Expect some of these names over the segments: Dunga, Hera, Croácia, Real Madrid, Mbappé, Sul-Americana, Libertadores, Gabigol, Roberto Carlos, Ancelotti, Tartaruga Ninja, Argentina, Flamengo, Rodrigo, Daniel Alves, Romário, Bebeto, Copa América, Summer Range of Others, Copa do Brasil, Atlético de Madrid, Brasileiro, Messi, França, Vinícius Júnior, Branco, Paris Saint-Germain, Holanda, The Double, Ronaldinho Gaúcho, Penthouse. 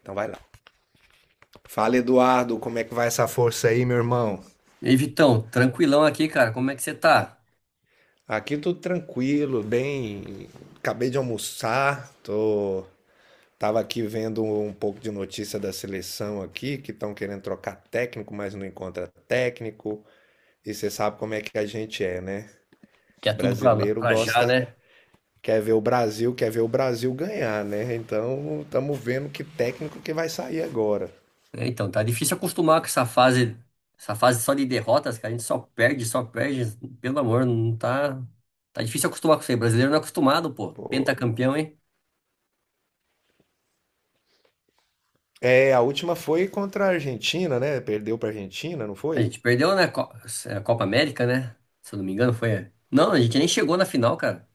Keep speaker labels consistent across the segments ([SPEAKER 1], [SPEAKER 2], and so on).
[SPEAKER 1] Então vai lá. Fala, Eduardo, como é que vai essa força aí, meu irmão?
[SPEAKER 2] E aí, Vitão, tranquilão aqui, cara. Como é que você tá?
[SPEAKER 1] Aqui tudo tranquilo, bem. Acabei de almoçar, tô. Tava aqui vendo um pouco de notícia da seleção aqui, que estão querendo trocar técnico, mas não encontra técnico. E você sabe como é que a gente é, né?
[SPEAKER 2] Que é tudo pra,
[SPEAKER 1] Brasileiro
[SPEAKER 2] pra já,
[SPEAKER 1] gosta,
[SPEAKER 2] né?
[SPEAKER 1] quer ver o Brasil, quer ver o Brasil ganhar, né? Então, estamos vendo que técnico que vai sair agora.
[SPEAKER 2] Então, tá difícil acostumar com essa fase só de derrotas, cara. A gente só perde. Pelo amor, não tá. Tá difícil acostumar com isso aí. Brasileiro não é acostumado, pô.
[SPEAKER 1] Pô.
[SPEAKER 2] Pentacampeão, hein?
[SPEAKER 1] É, a última foi contra a Argentina, né? Perdeu para a Argentina, não
[SPEAKER 2] A
[SPEAKER 1] foi?
[SPEAKER 2] gente perdeu, né? É, Copa América, né? Se eu não me engano, foi. Não, a gente nem chegou na final, cara.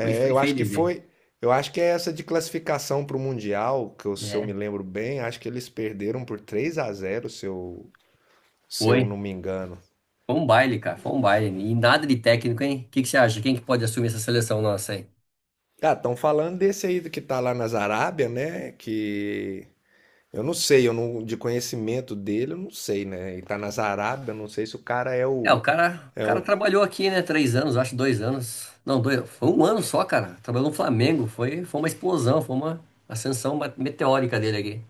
[SPEAKER 2] Foi,
[SPEAKER 1] É,
[SPEAKER 2] foi
[SPEAKER 1] eu
[SPEAKER 2] feio
[SPEAKER 1] acho
[SPEAKER 2] de
[SPEAKER 1] que
[SPEAKER 2] ver.
[SPEAKER 1] foi. Eu acho que é essa de classificação para o Mundial, se eu me
[SPEAKER 2] É,
[SPEAKER 1] lembro bem, acho que eles perderam por 3-0 se eu
[SPEAKER 2] foi.
[SPEAKER 1] não me engano.
[SPEAKER 2] Foi um baile, cara. Foi um baile. E nada de técnico, hein? O que que você acha? Quem que pode assumir essa seleção nossa, hein?
[SPEAKER 1] Ah, estão falando desse aí do que tá lá nas Arábia, né? Que eu não sei, eu não, de conhecimento dele, eu não sei, né? E tá nas Arábia, eu não sei se o cara é
[SPEAKER 2] É,
[SPEAKER 1] o,
[SPEAKER 2] o cara, o
[SPEAKER 1] é
[SPEAKER 2] cara
[SPEAKER 1] o.
[SPEAKER 2] trabalhou aqui, né? Três anos, acho, dois anos. Não, dois, foi um ano só, cara. Trabalhou no Flamengo. Foi uma explosão, foi uma ascensão meteórica dele aqui.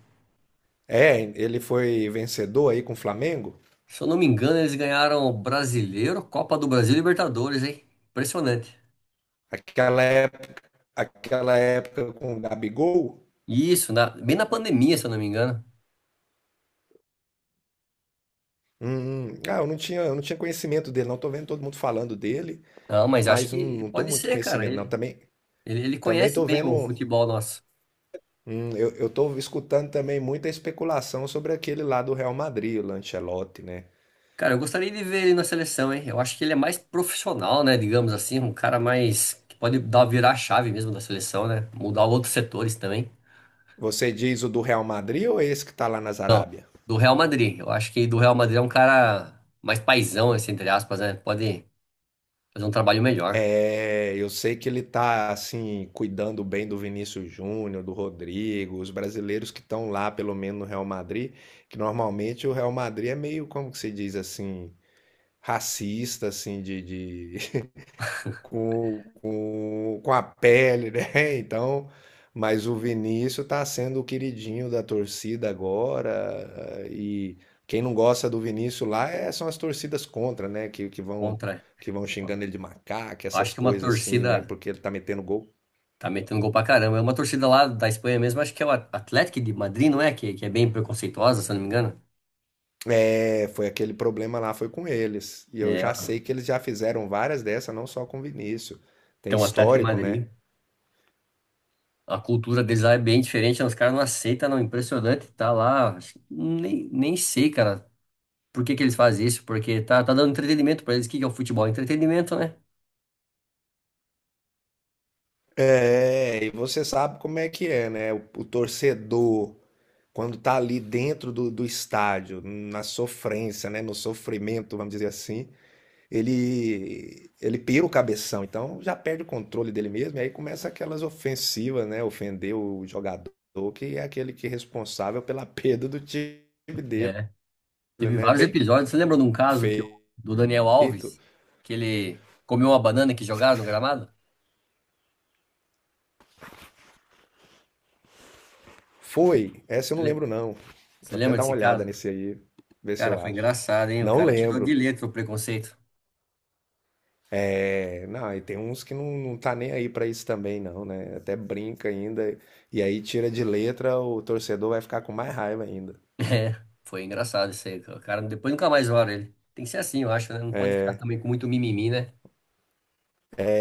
[SPEAKER 1] É, ele foi vencedor aí com o Flamengo?
[SPEAKER 2] Se eu não me engano, eles ganharam o Brasileiro, Copa do Brasil e Libertadores, hein? Impressionante.
[SPEAKER 1] Aquela época, aquela época com o Gabigol?
[SPEAKER 2] Isso, bem na pandemia, se eu não me engano.
[SPEAKER 1] Ah, eu não tinha conhecimento dele, não. Tô vendo todo mundo falando dele,
[SPEAKER 2] Não, mas acho
[SPEAKER 1] mas não,
[SPEAKER 2] que
[SPEAKER 1] não tô
[SPEAKER 2] pode
[SPEAKER 1] muito
[SPEAKER 2] ser, cara.
[SPEAKER 1] conhecimento, não.
[SPEAKER 2] Ele,
[SPEAKER 1] Também,
[SPEAKER 2] ele, ele
[SPEAKER 1] também
[SPEAKER 2] conhece
[SPEAKER 1] tô
[SPEAKER 2] bem o
[SPEAKER 1] vendo,
[SPEAKER 2] futebol nosso.
[SPEAKER 1] eu tô escutando também muita especulação sobre aquele lá do Real Madrid, o Ancelotti, né?
[SPEAKER 2] Cara, eu gostaria de ver ele na seleção, hein? Eu acho que ele é mais profissional, né? Digamos assim, um cara mais que pode dar virar a chave mesmo da seleção, né? Mudar outros setores também.
[SPEAKER 1] Você diz o do Real Madrid ou é esse que tá lá na
[SPEAKER 2] Não,
[SPEAKER 1] Arábia?
[SPEAKER 2] do Real Madrid. Eu acho que do Real Madrid é um cara mais paizão, assim, entre aspas, né? Pode fazer um trabalho melhor
[SPEAKER 1] É, eu sei que ele tá, assim, cuidando bem do Vinícius Júnior, do Rodrigo, os brasileiros que estão lá, pelo menos no Real Madrid, que normalmente o Real Madrid é meio, como que se diz assim, racista, assim, com a pele, né? Então, mas o Vinícius está sendo o queridinho da torcida agora. E quem não gosta do Vinícius lá são as torcidas contra, né? Que vão
[SPEAKER 2] contra.
[SPEAKER 1] que vão
[SPEAKER 2] Eu
[SPEAKER 1] xingando ele de macaco, essas
[SPEAKER 2] acho que uma
[SPEAKER 1] coisas assim, né?
[SPEAKER 2] torcida
[SPEAKER 1] Porque ele tá metendo gol.
[SPEAKER 2] tá metendo gol pra caramba. É uma torcida lá da Espanha mesmo, acho que é o Atlético de Madrid, não é? Que é bem preconceituosa, se eu não me engano.
[SPEAKER 1] É, foi aquele problema lá, foi com eles. E eu
[SPEAKER 2] É,
[SPEAKER 1] já sei que eles já fizeram várias dessas, não só com o Vinícius. Tem
[SPEAKER 2] então o Atlético de
[SPEAKER 1] histórico, né?
[SPEAKER 2] Madrid. A cultura deles lá é bem diferente, né? Os caras não aceitam, não. Impressionante, tá lá. Nem, nem sei, cara, por que que eles fazem isso, porque tá dando entretenimento pra eles. O que que é o futebol? Entretenimento, né?
[SPEAKER 1] É, e você sabe como é que é, né? O torcedor quando tá ali dentro do, do estádio, na sofrência, né, no sofrimento, vamos dizer assim, ele pira o cabeção, então já perde o controle dele mesmo, e aí começa aquelas ofensivas, né, ofender o jogador, que é aquele que é responsável pela perda do time dele,
[SPEAKER 2] É. Teve
[SPEAKER 1] né,
[SPEAKER 2] vários
[SPEAKER 1] bem
[SPEAKER 2] episódios. Você lembra de um caso
[SPEAKER 1] feito.
[SPEAKER 2] do Daniel Alves, que ele comeu uma banana que jogaram no gramado?
[SPEAKER 1] Foi,
[SPEAKER 2] Você
[SPEAKER 1] essa eu não
[SPEAKER 2] lembra?
[SPEAKER 1] lembro não,
[SPEAKER 2] Você
[SPEAKER 1] vou até
[SPEAKER 2] lembra
[SPEAKER 1] dar uma
[SPEAKER 2] desse
[SPEAKER 1] olhada
[SPEAKER 2] caso?
[SPEAKER 1] nesse aí, ver se
[SPEAKER 2] Cara,
[SPEAKER 1] eu
[SPEAKER 2] foi
[SPEAKER 1] acho.
[SPEAKER 2] engraçado, hein? O
[SPEAKER 1] Não
[SPEAKER 2] cara tirou de
[SPEAKER 1] lembro.
[SPEAKER 2] letra o preconceito.
[SPEAKER 1] É, não, e tem uns que não, não tá nem aí pra isso também, não, né? Até brinca ainda. E aí tira de letra, o torcedor vai ficar com mais raiva ainda.
[SPEAKER 2] É, foi engraçado isso aí, cara. O cara depois nunca mais olha ele. Tem que ser assim, eu acho, né? Não pode ficar também com muito mimimi, né?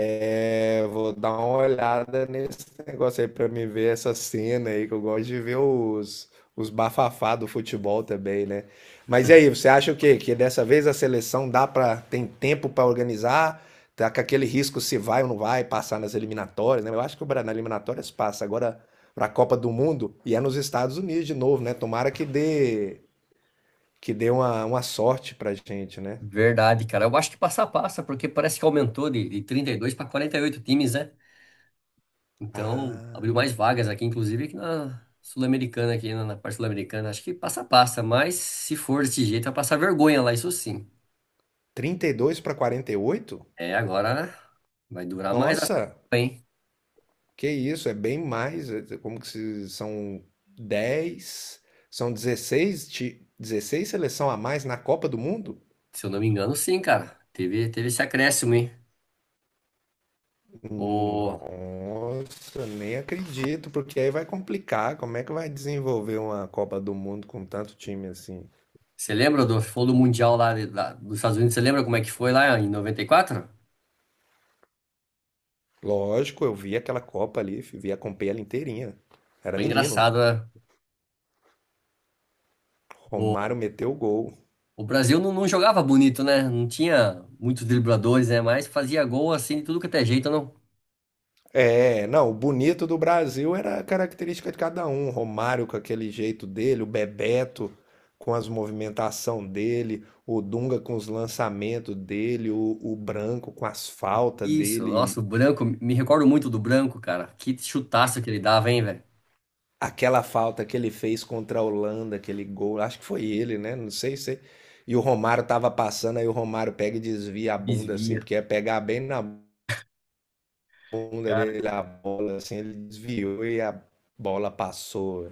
[SPEAKER 1] É, vou dar uma olhada nesse negócio aí pra me ver essa cena aí, que eu gosto de ver os bafafá do futebol também, né? Mas e aí, você acha o quê? Que dessa vez a seleção dá pra, tem tempo pra organizar? Tá com aquele risco se vai ou não vai passar nas eliminatórias, né? Eu acho que o Brasil nas eliminatórias passa agora pra Copa do Mundo e é nos Estados Unidos de novo, né? Tomara que dê uma sorte pra gente, né?
[SPEAKER 2] Verdade, cara. Eu acho que passa a passa, porque parece que aumentou de 32 para 48 times, né? Então,
[SPEAKER 1] Ah,
[SPEAKER 2] abriu mais vagas aqui, inclusive aqui na Sul-Americana, aqui na parte Sul-Americana. Acho que passa a passa, mas se for desse jeito, vai passar vergonha lá, isso sim.
[SPEAKER 1] 32 pra 48.
[SPEAKER 2] É, agora vai durar mais essa
[SPEAKER 1] Nossa!
[SPEAKER 2] Copa, hein?
[SPEAKER 1] Que isso, é bem mais. Como que se são 10, são 16, 16 seleção a mais na Copa do Mundo?
[SPEAKER 2] Se eu não me engano, sim, cara. Teve esse acréscimo, hein? O,
[SPEAKER 1] Nossa, nem acredito, porque aí vai complicar. Como é que vai desenvolver uma Copa do Mundo com tanto time assim?
[SPEAKER 2] você lembra do, foi do Mundial lá, lá dos Estados Unidos? Você lembra como é que foi lá em 94?
[SPEAKER 1] Lógico, eu vi aquela Copa ali, vi, acompanhei ela inteirinha. Era
[SPEAKER 2] Foi
[SPEAKER 1] menino.
[SPEAKER 2] engraçado, né?
[SPEAKER 1] Romário meteu o gol.
[SPEAKER 2] O Brasil não jogava bonito, né? Não tinha muitos dribladores, né? Mas fazia gol assim, de tudo que até jeito, não.
[SPEAKER 1] É, não, o bonito do Brasil era a característica de cada um. O Romário com aquele jeito dele, o Bebeto com as movimentação dele, o Dunga com os lançamentos dele, o Branco com as faltas
[SPEAKER 2] Isso, nossa, o
[SPEAKER 1] dele.
[SPEAKER 2] Branco, me recordo muito do Branco, cara. Que chutaço que ele dava, hein, velho?
[SPEAKER 1] Aquela falta que ele fez contra a Holanda, aquele gol, acho que foi ele, né? Não sei se. E o Romário tava passando, aí o Romário pega e desvia a bunda assim,
[SPEAKER 2] Desvia.
[SPEAKER 1] porque é pegar bem na bunda
[SPEAKER 2] Cara,
[SPEAKER 1] dele a bola, assim, ele desviou e a bola passou.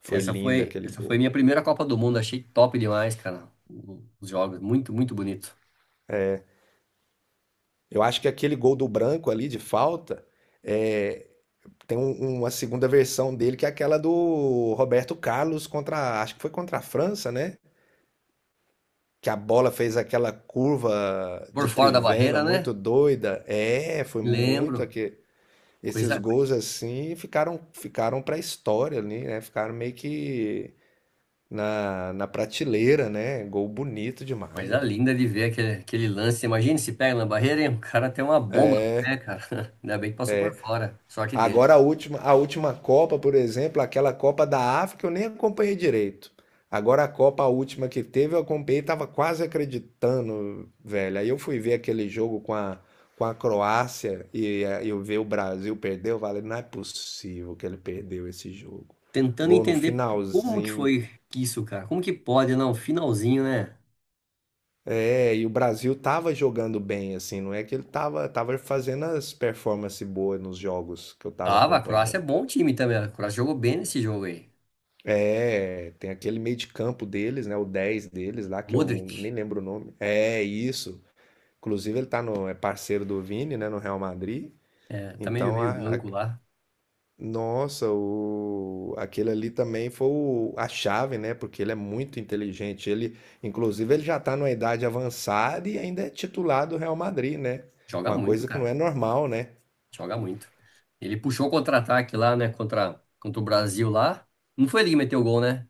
[SPEAKER 1] Foi
[SPEAKER 2] essa
[SPEAKER 1] lindo
[SPEAKER 2] foi,
[SPEAKER 1] aquele
[SPEAKER 2] essa foi
[SPEAKER 1] gol.
[SPEAKER 2] minha primeira Copa do Mundo, achei top demais, cara. Os jogos, muito bonito.
[SPEAKER 1] Eu acho que aquele gol do Branco ali de falta é, uma segunda versão dele que é aquela do Roberto Carlos contra, acho que foi contra a França, né? Que a bola fez aquela curva
[SPEAKER 2] Por
[SPEAKER 1] de
[SPEAKER 2] fora da
[SPEAKER 1] trivela
[SPEAKER 2] barreira, né?
[SPEAKER 1] muito doida. É, foi muito
[SPEAKER 2] Lembro.
[SPEAKER 1] aquele, esses
[SPEAKER 2] Coisa,
[SPEAKER 1] gols assim ficaram para a história ali, né? Ficaram meio que na, na prateleira, né? Gol bonito demais.
[SPEAKER 2] coisa
[SPEAKER 1] Né?
[SPEAKER 2] linda de ver aquele lance. Imagina se pega na barreira, hein? O cara tem uma bomba, né, cara? Ainda bem que passou por fora. Sorte
[SPEAKER 1] Agora
[SPEAKER 2] deles.
[SPEAKER 1] a última Copa, por exemplo, aquela Copa da África, eu nem acompanhei direito. Agora a Copa, a última que teve, eu acompanhei, tava quase acreditando, velho. Aí eu fui ver aquele jogo com a Croácia e eu ver o Brasil perder, eu falei, não é possível que ele perdeu esse jogo.
[SPEAKER 2] Tentando
[SPEAKER 1] Gol no
[SPEAKER 2] entender como que
[SPEAKER 1] finalzinho.
[SPEAKER 2] foi que isso, cara. Como que pode, não? Finalzinho, né?
[SPEAKER 1] É, e o Brasil tava jogando bem, assim, não é que ele tava, fazendo as performances boas nos jogos que eu tava
[SPEAKER 2] Tava, a Croácia é
[SPEAKER 1] acompanhando.
[SPEAKER 2] bom time também. A Croácia jogou bem nesse jogo aí.
[SPEAKER 1] É, tem aquele meio de campo deles, né? O 10 deles lá, que é um.
[SPEAKER 2] Modric,
[SPEAKER 1] Nem lembro o nome. É, isso. Inclusive, ele tá no, é parceiro do Vini, né? No Real Madrid.
[SPEAKER 2] é, também
[SPEAKER 1] Então,
[SPEAKER 2] meio
[SPEAKER 1] a, a-
[SPEAKER 2] branco lá.
[SPEAKER 1] Nossa, o, aquele ali também a chave, né? Porque ele é muito inteligente. Ele, inclusive, ele já tá numa idade avançada e ainda é titular do Real Madrid, né?
[SPEAKER 2] Joga
[SPEAKER 1] Uma
[SPEAKER 2] muito,
[SPEAKER 1] coisa que não
[SPEAKER 2] cara.
[SPEAKER 1] é normal, né?
[SPEAKER 2] Joga muito. Ele puxou o contra-ataque lá, né? Contra o Brasil lá. Não foi ele que meteu o gol, né?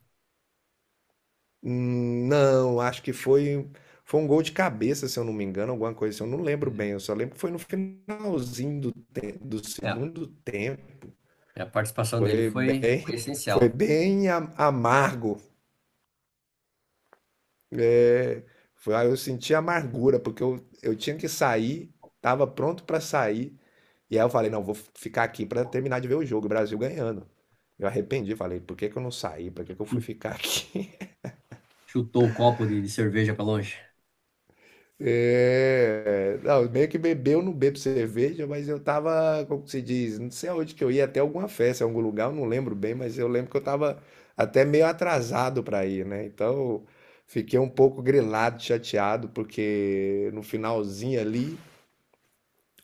[SPEAKER 1] Não, acho que foi um gol de cabeça, se eu não me engano, alguma coisa assim, eu não lembro bem, eu só lembro que foi no finalzinho do
[SPEAKER 2] É,
[SPEAKER 1] segundo tempo.
[SPEAKER 2] a participação dele
[SPEAKER 1] Foi
[SPEAKER 2] foi,
[SPEAKER 1] bem
[SPEAKER 2] foi
[SPEAKER 1] foi
[SPEAKER 2] essencial.
[SPEAKER 1] bem a amargo. Eh, Foi aí eu senti amargura, porque eu tinha que sair, estava pronto para sair, e aí eu falei: "Não, vou ficar aqui para terminar de ver o jogo, o Brasil ganhando". Eu arrependi, falei: "Por que que eu não saí? Por que que eu fui
[SPEAKER 2] Hum,
[SPEAKER 1] ficar aqui?"
[SPEAKER 2] Chutou o copo de cerveja pra longe.
[SPEAKER 1] É, não, meio que bebeu, não bebo cerveja, mas eu tava, como que se diz, não sei aonde que eu ia, até alguma festa, algum lugar, eu não lembro bem, mas eu lembro que eu tava até meio atrasado para ir, né? Então, fiquei um pouco grilado, chateado, porque no finalzinho ali,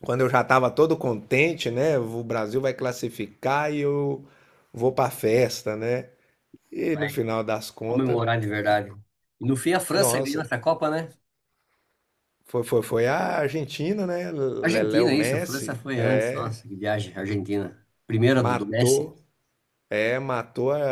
[SPEAKER 1] quando eu já tava todo contente, né? O Brasil vai classificar e eu vou pra festa, né? E
[SPEAKER 2] Vai
[SPEAKER 1] no final das contas,
[SPEAKER 2] comemorar de verdade. E no fim, a França ganhou
[SPEAKER 1] nossa,
[SPEAKER 2] essa Copa, né?
[SPEAKER 1] foi a Argentina, né? Lelé o
[SPEAKER 2] Argentina, isso. A França
[SPEAKER 1] Messi,
[SPEAKER 2] foi antes.
[SPEAKER 1] é.
[SPEAKER 2] Nossa, que viagem. Argentina. Primeira do Messi.
[SPEAKER 1] Matou, é, matou a,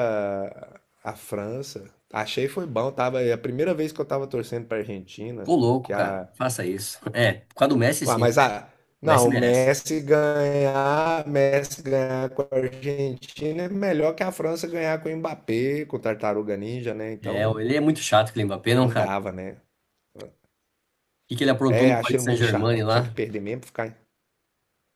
[SPEAKER 1] a França. Achei foi bom, tava, é a primeira vez que eu tava torcendo pra Argentina,
[SPEAKER 2] Tô louco,
[SPEAKER 1] que
[SPEAKER 2] cara.
[SPEAKER 1] a,
[SPEAKER 2] Faça isso. É, por causa do Messi,
[SPEAKER 1] ah,
[SPEAKER 2] sim, né?
[SPEAKER 1] mas a,
[SPEAKER 2] O Messi
[SPEAKER 1] não, o
[SPEAKER 2] merece.
[SPEAKER 1] Messi ganhar, com a Argentina é melhor que a França ganhar com o Mbappé, com o Tartaruga Ninja, né?
[SPEAKER 2] É,
[SPEAKER 1] Então
[SPEAKER 2] ele é muito chato, aquele Mbappé, não,
[SPEAKER 1] não
[SPEAKER 2] cara?
[SPEAKER 1] dava, né?
[SPEAKER 2] O que que ele aprontou no
[SPEAKER 1] É, achei
[SPEAKER 2] Paris
[SPEAKER 1] muito
[SPEAKER 2] Saint-Germain
[SPEAKER 1] chato. Tinha que
[SPEAKER 2] lá?
[SPEAKER 1] perder mesmo, ficar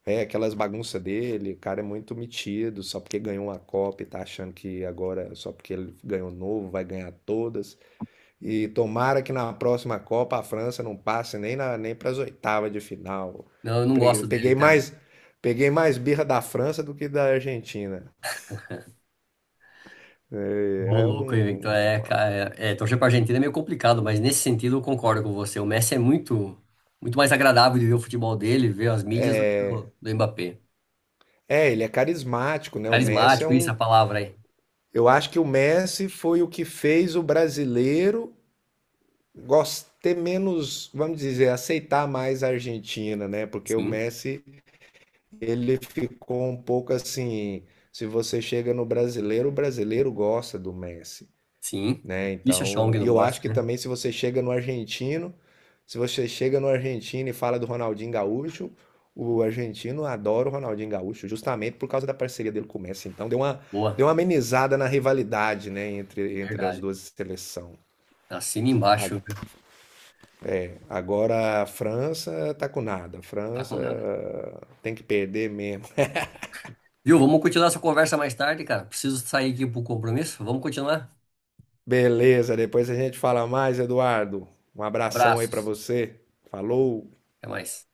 [SPEAKER 1] é, aquelas bagunças dele, o cara é muito metido, só porque ganhou uma Copa e tá achando que agora, só porque ele ganhou novo, vai ganhar todas. E tomara que na próxima Copa a França não passe nem na, nem para as oitavas de final.
[SPEAKER 2] Não, eu não
[SPEAKER 1] Peguei
[SPEAKER 2] gosto dele
[SPEAKER 1] peguei
[SPEAKER 2] também.
[SPEAKER 1] mais, peguei mais birra da França do que da Argentina.
[SPEAKER 2] Ô,
[SPEAKER 1] É, é
[SPEAKER 2] louco, hein,
[SPEAKER 1] um,
[SPEAKER 2] Victor? É, cara. Torcer pra Argentina é meio complicado, mas nesse sentido eu concordo com você. O Messi é muito mais agradável de ver o futebol dele, ver as mídias do que o do Mbappé.
[SPEAKER 1] Ele é carismático, né? O Messi é
[SPEAKER 2] Carismático, isso é
[SPEAKER 1] um.
[SPEAKER 2] a palavra aí.
[SPEAKER 1] Eu acho que o Messi foi o que fez o brasileiro ter menos, vamos dizer, aceitar mais a Argentina, né? Porque o
[SPEAKER 2] Sim,
[SPEAKER 1] Messi, ele ficou um pouco assim. Se você chega no brasileiro, o brasileiro gosta do Messi.
[SPEAKER 2] sim.
[SPEAKER 1] Né?
[SPEAKER 2] Deixa que
[SPEAKER 1] Então, e
[SPEAKER 2] não
[SPEAKER 1] eu acho
[SPEAKER 2] gosta,
[SPEAKER 1] que
[SPEAKER 2] né?
[SPEAKER 1] também se você chega no argentino, se você chega no argentino e fala do Ronaldinho Gaúcho, o argentino adora o Ronaldinho Gaúcho, justamente por causa da parceria dele com o Messi. Então, deu
[SPEAKER 2] Boa.
[SPEAKER 1] uma amenizada na rivalidade, né, entre, entre as
[SPEAKER 2] Verdade.
[SPEAKER 1] duas seleções.
[SPEAKER 2] Assina
[SPEAKER 1] A-
[SPEAKER 2] embaixo, viu?
[SPEAKER 1] Agora a França tá com nada. A
[SPEAKER 2] Tá
[SPEAKER 1] França
[SPEAKER 2] com nada.
[SPEAKER 1] ah, tem que perder mesmo.
[SPEAKER 2] Viu? Vamos continuar essa conversa mais tarde, cara. Preciso sair aqui pro compromisso. Vamos continuar?
[SPEAKER 1] Beleza, depois a gente fala mais, Eduardo. Um abração aí pra
[SPEAKER 2] Abraços.
[SPEAKER 1] você. Falou.
[SPEAKER 2] Até mais.